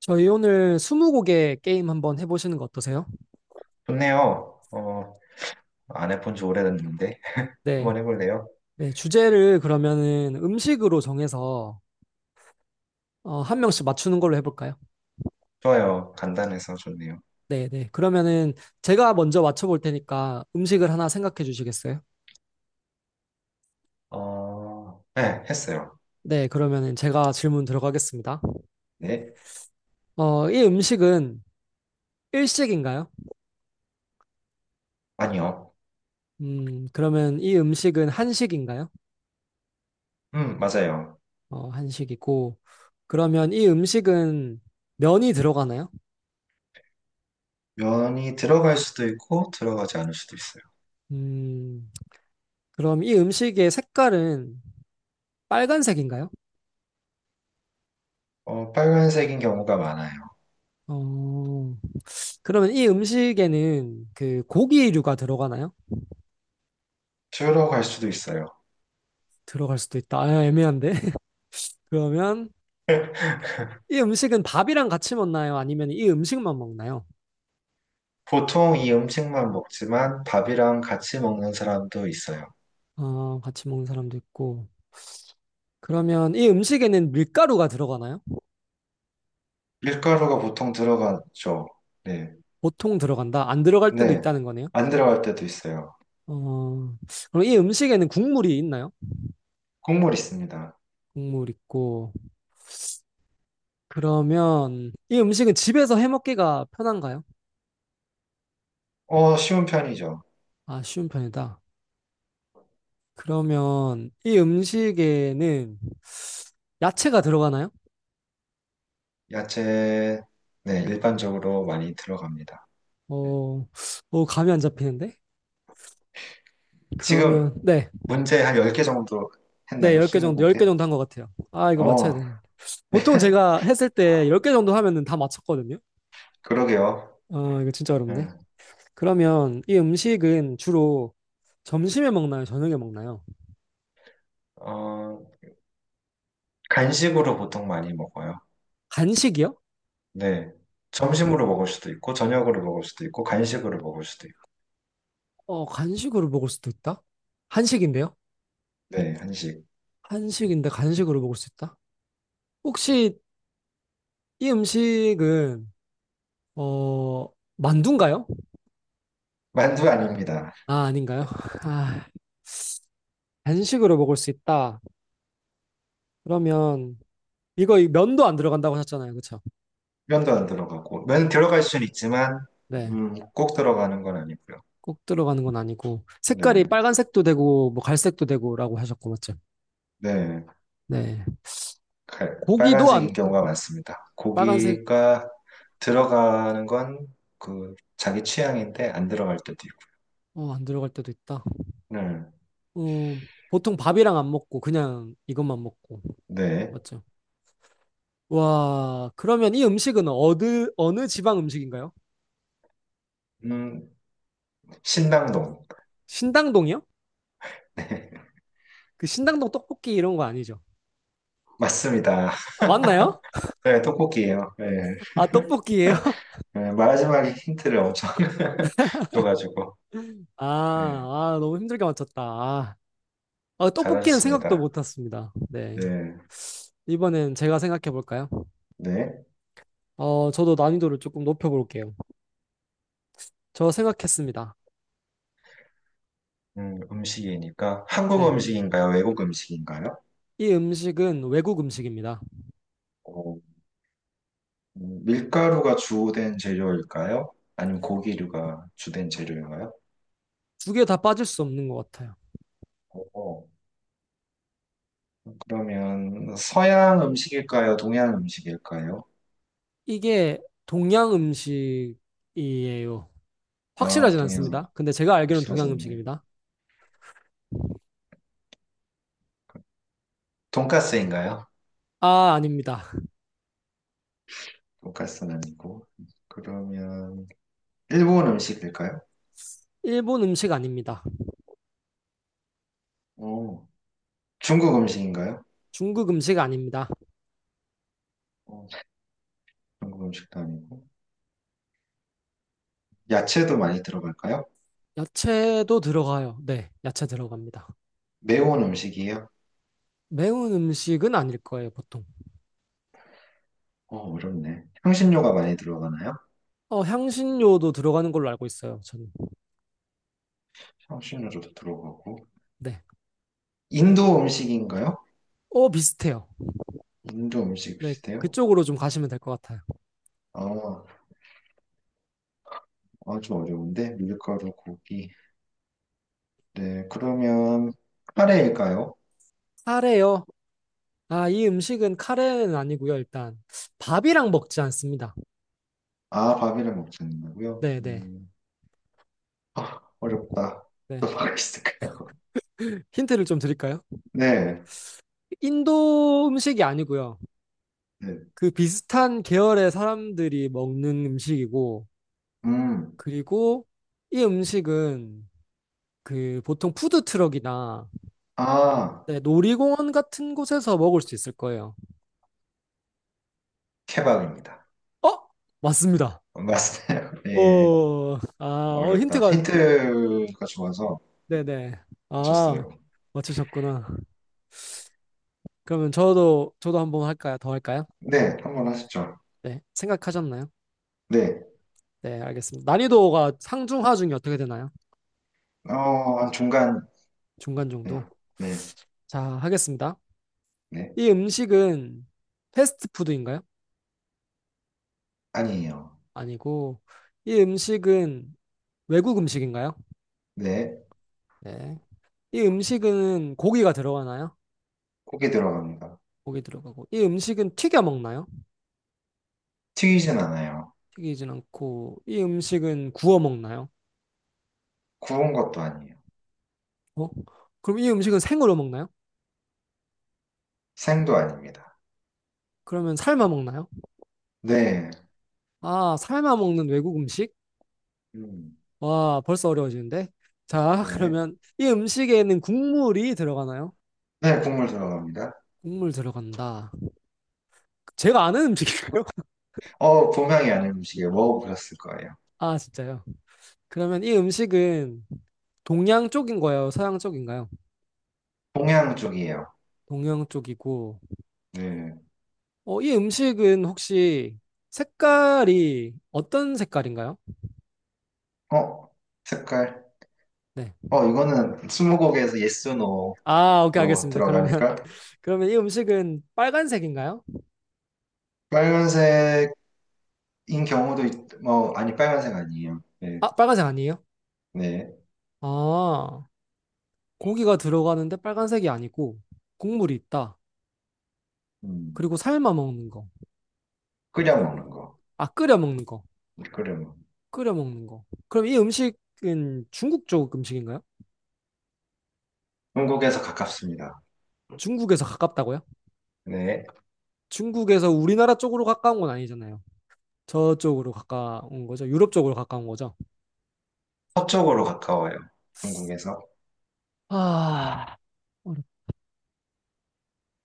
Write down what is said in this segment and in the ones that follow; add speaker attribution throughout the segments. Speaker 1: 저희 오늘 스무고개 게임 한번 해보시는 거 어떠세요?
Speaker 2: 좋네요. 안 해본 지 오래됐는데.
Speaker 1: 네.
Speaker 2: 한번 해볼래요?
Speaker 1: 네, 주제를 그러면은 음식으로 정해서 한 명씩 맞추는 걸로 해볼까요?
Speaker 2: 좋아요. 간단해서 좋네요.
Speaker 1: 네, 네. 그러면은 제가 먼저 맞춰볼 테니까 음식을 하나 생각해 주시겠어요?
Speaker 2: 네, 했어요.
Speaker 1: 네, 그러면은 제가 질문 들어가겠습니다.
Speaker 2: 네?
Speaker 1: 이 음식은 일식인가요?
Speaker 2: 아니요.
Speaker 1: 그러면 이 음식은 한식인가요?
Speaker 2: 맞아요.
Speaker 1: 어, 한식이고. 그러면 이 음식은 면이 들어가나요?
Speaker 2: 면이 들어갈 수도 있고, 들어가지 않을 수도 있어요.
Speaker 1: 음, 그럼 이 음식의 색깔은 빨간색인가요?
Speaker 2: 빨간색인 경우가 많아요.
Speaker 1: 어, 그러면 이 음식에는 그 고기류가 들어가나요?
Speaker 2: 들어갈 수도 있어요.
Speaker 1: 들어갈 수도 있다. 아, 애매한데. 그러면 이 음식은 밥이랑 같이 먹나요? 아니면 이 음식만 먹나요?
Speaker 2: 보통 이 음식만 먹지만 밥이랑 같이 먹는 사람도 있어요.
Speaker 1: 어, 같이 먹는 사람도 있고. 그러면 이 음식에는 밀가루가 들어가나요?
Speaker 2: 밀가루가 보통 들어가죠. 네.
Speaker 1: 보통 들어간다. 안 들어갈 때도
Speaker 2: 네.
Speaker 1: 있다는 거네요.
Speaker 2: 안 들어갈 때도 있어요.
Speaker 1: 어, 그럼 이 음식에는 국물이 있나요?
Speaker 2: 국물 있습니다.
Speaker 1: 국물 있고. 그러면 이 음식은 집에서 해 먹기가 편한가요?
Speaker 2: 쉬운 편이죠.
Speaker 1: 아, 쉬운 편이다. 그러면 이 음식에는 야채가 들어가나요?
Speaker 2: 야채, 네, 일반적으로 많이 들어갑니다.
Speaker 1: 어, 어, 감이 안 잡히는데? 그러면,
Speaker 2: 지금
Speaker 1: 네,
Speaker 2: 문제 한 10개 정도
Speaker 1: 네,
Speaker 2: 했나요?
Speaker 1: 10개 정도, 10개
Speaker 2: 20곡에?
Speaker 1: 정도 한 것 같아요. 아, 이거 맞춰야
Speaker 2: 어,
Speaker 1: 되는데. 보통 제가 했을 때 10개 정도 하면은 다 맞췄거든요?
Speaker 2: 그러게요.
Speaker 1: 어, 이거 진짜 어렵네.
Speaker 2: 음,
Speaker 1: 그러면 이 음식은 주로 점심에 먹나요? 저녁에 먹나요?
Speaker 2: 어, 간식으로 보통 많이 먹어요.
Speaker 1: 간식이요?
Speaker 2: 네. 점심으로 먹을 수도 있고, 저녁으로 먹을 수도 있고, 간식으로 먹을 수도 있고.
Speaker 1: 어, 간식으로 먹을 수도 있다? 한식인데요?
Speaker 2: 네, 한식.
Speaker 1: 한식인데 간식으로 먹을 수 있다? 혹시 이 음식은, 어, 만두인가요?
Speaker 2: 만두 아닙니다.
Speaker 1: 아, 아닌가요? 아, 간식으로 먹을 수 있다. 그러면 이거 이 면도 안 들어간다고 하셨잖아요. 그렇죠?
Speaker 2: 면도 안 들어가고. 면 들어갈 수는 있지만,
Speaker 1: 네.
Speaker 2: 꼭 들어가는 건 아니고요.
Speaker 1: 꼭 들어가는 건 아니고 색깔이
Speaker 2: 네,
Speaker 1: 빨간색도 되고 뭐 갈색도 되고라고 하셨고 맞죠?
Speaker 2: 네.
Speaker 1: 네.
Speaker 2: 칼,
Speaker 1: 고기도 안
Speaker 2: 빨간색인 경우가 많습니다.
Speaker 1: 빨간색
Speaker 2: 고기가 들어가는 건 그 자기 취향인데 안 들어갈 때도 있고.
Speaker 1: 어, 안 들어갈 때도 있다.
Speaker 2: 네.
Speaker 1: 보통 밥이랑 안 먹고 그냥 이것만 먹고
Speaker 2: 네.
Speaker 1: 맞죠? 와, 그러면 이 음식은 어느 어느 지방 음식인가요?
Speaker 2: 음, 신당동.
Speaker 1: 신당동이요? 그 신당동 떡볶이 이런 거 아니죠?
Speaker 2: 맞습니다.
Speaker 1: 아, 맞나요?
Speaker 2: 네, 떡볶이에요. 네.
Speaker 1: 아, 떡볶이예요?
Speaker 2: 네, 마지막에 힌트를 엄청 줘가지고.
Speaker 1: 아,
Speaker 2: 네,
Speaker 1: 아, 너무 힘들게 맞췄다. 아, 어, 떡볶이는 생각도
Speaker 2: 잘하셨습니다.
Speaker 1: 못했습니다. 네.
Speaker 2: 네.
Speaker 1: 이번엔 제가 생각해 볼까요?
Speaker 2: 네.
Speaker 1: 어, 저도 난이도를 조금 높여 볼게요. 저 생각했습니다.
Speaker 2: 음식이니까 한국
Speaker 1: 네.
Speaker 2: 음식인가요? 외국 음식인가요?
Speaker 1: 이 음식은 외국 음식입니다.
Speaker 2: 어, 밀가루가 주된 재료일까요? 아니면 고기류가 주된 재료인가요?
Speaker 1: 두 개 다 빠질 수 없는 것 같아요.
Speaker 2: 어, 그러면 서양 음식일까요? 동양 음식일까요?
Speaker 1: 이게 동양 음식이에요.
Speaker 2: 아,
Speaker 1: 확실하진
Speaker 2: 동양
Speaker 1: 않습니다. 근데 제가 알기로는 동양
Speaker 2: 확실하졌네요.
Speaker 1: 음식입니다.
Speaker 2: 돈까스인가요?
Speaker 1: 아, 아닙니다.
Speaker 2: 돈까스는 아니고. 그러면 일본 음식일까요?
Speaker 1: 일본 음식 아닙니다.
Speaker 2: 어, 중국 음식인가요?
Speaker 1: 중국 음식 아닙니다.
Speaker 2: 어, 중국 음식도 아니고. 야채도 많이 들어갈까요?
Speaker 1: 야채도 들어가요. 네, 야채 들어갑니다.
Speaker 2: 매운 음식이에요?
Speaker 1: 매운 음식은 아닐 거예요, 보통.
Speaker 2: 어, 어렵네. 향신료가 많이 들어가나요?
Speaker 1: 어, 향신료도 들어가는 걸로 알고 있어요, 저는.
Speaker 2: 향신료도 들어가고.
Speaker 1: 네.
Speaker 2: 인도 음식인가요?
Speaker 1: 어, 비슷해요.
Speaker 2: 인도 음식
Speaker 1: 네,
Speaker 2: 비슷해요?
Speaker 1: 그쪽으로 좀 가시면 될 것 같아요.
Speaker 2: 어, 아, 좀 어려운데. 밀가루, 고기. 네, 그러면 카레일까요?
Speaker 1: 카레요. 아, 이 음식은 카레는 아니고요, 일단. 밥이랑 먹지 않습니다.
Speaker 2: 아, 바비를 먹지 않는다고요?
Speaker 1: 네, 네,
Speaker 2: 아, 어렵다.
Speaker 1: 네.
Speaker 2: 또 뭐가 있을까요?
Speaker 1: 힌트를 좀 드릴까요?
Speaker 2: 네,
Speaker 1: 인도 음식이 아니고요.
Speaker 2: 네,
Speaker 1: 그 비슷한 계열의 사람들이 먹는 음식이고,
Speaker 2: 음,
Speaker 1: 그리고 이 음식은 그 보통 푸드트럭이나
Speaker 2: 아,
Speaker 1: 네, 놀이공원 같은 곳에서 먹을 수 있을 거예요.
Speaker 2: 케밥입니다.
Speaker 1: 어? 맞습니다.
Speaker 2: 맞아요. 네,
Speaker 1: 어, 아, 어,
Speaker 2: 어렵다.
Speaker 1: 힌트가, 힌-
Speaker 2: 힌트가 좋아서
Speaker 1: 네네. 아,
Speaker 2: 맞췄어요.
Speaker 1: 맞추셨구나. 그러면 저도, 저도 한번 할까요? 더 할까요?
Speaker 2: 네, 한 번 하시죠.
Speaker 1: 네, 생각하셨나요?
Speaker 2: 네,
Speaker 1: 네, 알겠습니다. 난이도가 상중, 하중이 어떻게 되나요?
Speaker 2: 어, 한 중간,
Speaker 1: 중간
Speaker 2: 네,
Speaker 1: 정도.
Speaker 2: 네,
Speaker 1: 자, 하겠습니다.
Speaker 2: 네,
Speaker 1: 이 음식은 패스트푸드인가요?
Speaker 2: 아니에요.
Speaker 1: 아니고, 이 음식은 외국 음식인가요?
Speaker 2: 네,
Speaker 1: 네. 이 음식은 고기가 들어가나요?
Speaker 2: 고기 들어갑니다.
Speaker 1: 고기 들어가고. 이 음식은 튀겨 먹나요?
Speaker 2: 튀기진 않아요.
Speaker 1: 튀기진 않고 이 음식은 구워 먹나요?
Speaker 2: 구운 것도 아니에요.
Speaker 1: 어? 그럼 이 음식은 생으로 먹나요?
Speaker 2: 생도 아닙니다.
Speaker 1: 그러면 삶아 먹나요?
Speaker 2: 네,
Speaker 1: 아, 삶아 먹는 외국 음식?
Speaker 2: 음,
Speaker 1: 와, 벌써 어려워지는데. 자,
Speaker 2: 네.
Speaker 1: 그러면 이 음식에는 국물이 들어가나요?
Speaker 2: 네, 국물 들어갑니다.
Speaker 1: 국물 들어간다. 제가 아는 음식인가요?
Speaker 2: 동양이 아닌 음식이에요. 먹어보셨을 거예요.
Speaker 1: 아, 진짜요? 그러면 이 음식은 동양 쪽인 거예요? 서양 쪽인가요?
Speaker 2: 동양 쪽이에요.
Speaker 1: 동양 쪽이고.
Speaker 2: 네.
Speaker 1: 어, 이 음식은 혹시 색깔이 어떤 색깔인가요?
Speaker 2: 어, 색깔.
Speaker 1: 네.
Speaker 2: 이거는 스무고개에서 yes, no로
Speaker 1: 아, 오케이, 알겠습니다. 그러면
Speaker 2: 들어가니까
Speaker 1: 이 음식은 빨간색인가요?
Speaker 2: 빨간색인 경우도 있, 뭐, 아니, 빨간색 아니에요. 네,
Speaker 1: 아, 빨간색 아니에요?
Speaker 2: 네.
Speaker 1: 아, 고기가 들어가는데 빨간색이 아니고 국물이 있다.
Speaker 2: 음,
Speaker 1: 그리고 삶아 먹는 거.
Speaker 2: 끓여
Speaker 1: 그,
Speaker 2: 먹는 거.
Speaker 1: 아, 끓여 먹는 거.
Speaker 2: 끓여 먹는 거.
Speaker 1: 끓여 먹는 거. 그럼 이 음식은 중국 쪽 음식인가요?
Speaker 2: 중국에서 가깝습니다.
Speaker 1: 중국에서 가깝다고요?
Speaker 2: 네.
Speaker 1: 중국에서 우리나라 쪽으로 가까운 건 아니잖아요. 저쪽으로 가까운 거죠. 유럽 쪽으로 가까운 거죠.
Speaker 2: 서쪽으로 가까워요. 중국에서.
Speaker 1: 아, 어렵-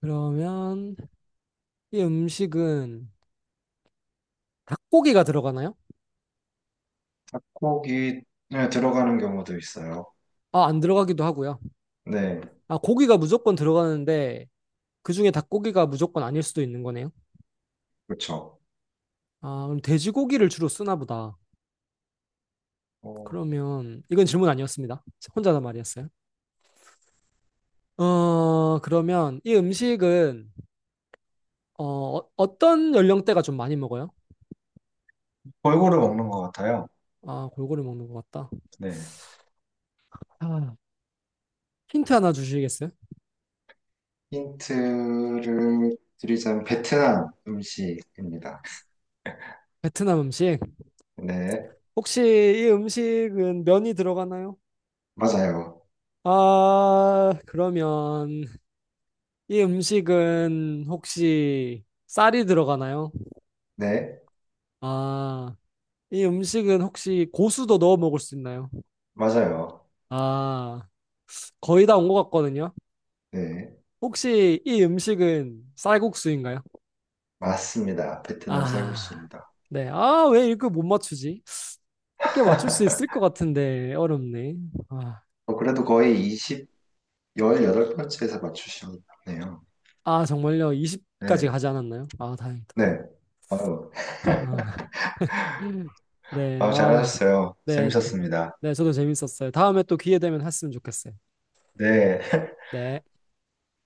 Speaker 1: 그러면 이 음식은 닭고기가 들어가나요?
Speaker 2: 닭고기 네, 들어가는 경우도 있어요.
Speaker 1: 아, 안 들어가기도 하고요.
Speaker 2: 네,
Speaker 1: 아, 고기가 무조건 들어가는데 그중에 닭고기가 무조건 아닐 수도 있는 거네요.
Speaker 2: 그렇죠.
Speaker 1: 아, 그럼 돼지고기를 주로 쓰나 보다.
Speaker 2: 어,
Speaker 1: 그러면 이건 질문 아니었습니다. 혼자 다 말이었어요. 그러면 이 음식은 어, 어, 떤 연령대가 좀 많이 먹어요?
Speaker 2: 골고루 먹는 것 같아요.
Speaker 1: 아, 골고루 먹는 것 같다.
Speaker 2: 네.
Speaker 1: 아, 힌트 하나 주시겠어요?
Speaker 2: 힌트를 드리자면 베트남 음식입니다.
Speaker 1: 베트남 음식.
Speaker 2: 네,
Speaker 1: 혹시 이 음식은 면이 들어가나요?
Speaker 2: 맞아요.
Speaker 1: 아, 그러면 이 음식은 혹시 쌀이 들어가나요?
Speaker 2: 네,
Speaker 1: 아, 이 음식은 혹시 고수도 넣어 먹을 수 있나요?
Speaker 2: 맞아요.
Speaker 1: 아, 거의 다 온 것 같거든요.
Speaker 2: 네,
Speaker 1: 혹시 이 음식은 쌀국수인가요?
Speaker 2: 맞습니다. 베트남
Speaker 1: 아,
Speaker 2: 쌀국수입니다.
Speaker 1: 네. 아, 왜 이거 못 맞추지? 쉽게 맞출 수 있을 것 같은데 어렵네. 아,
Speaker 2: 어, 그래도 거의 20, 18번째에서 맞추셨네요.
Speaker 1: 아 정말요? 20까지
Speaker 2: 네,
Speaker 1: 가지 않았나요? 아, 다행이다.
Speaker 2: 네. 아유,
Speaker 1: 아, 네.
Speaker 2: 아유,
Speaker 1: 아,
Speaker 2: 잘하셨어요.
Speaker 1: 네.
Speaker 2: 재밌었습니다.
Speaker 1: 네, 저도 재밌었어요. 다음에 또 기회 되면 했으면 좋겠어요.
Speaker 2: 네.
Speaker 1: 네.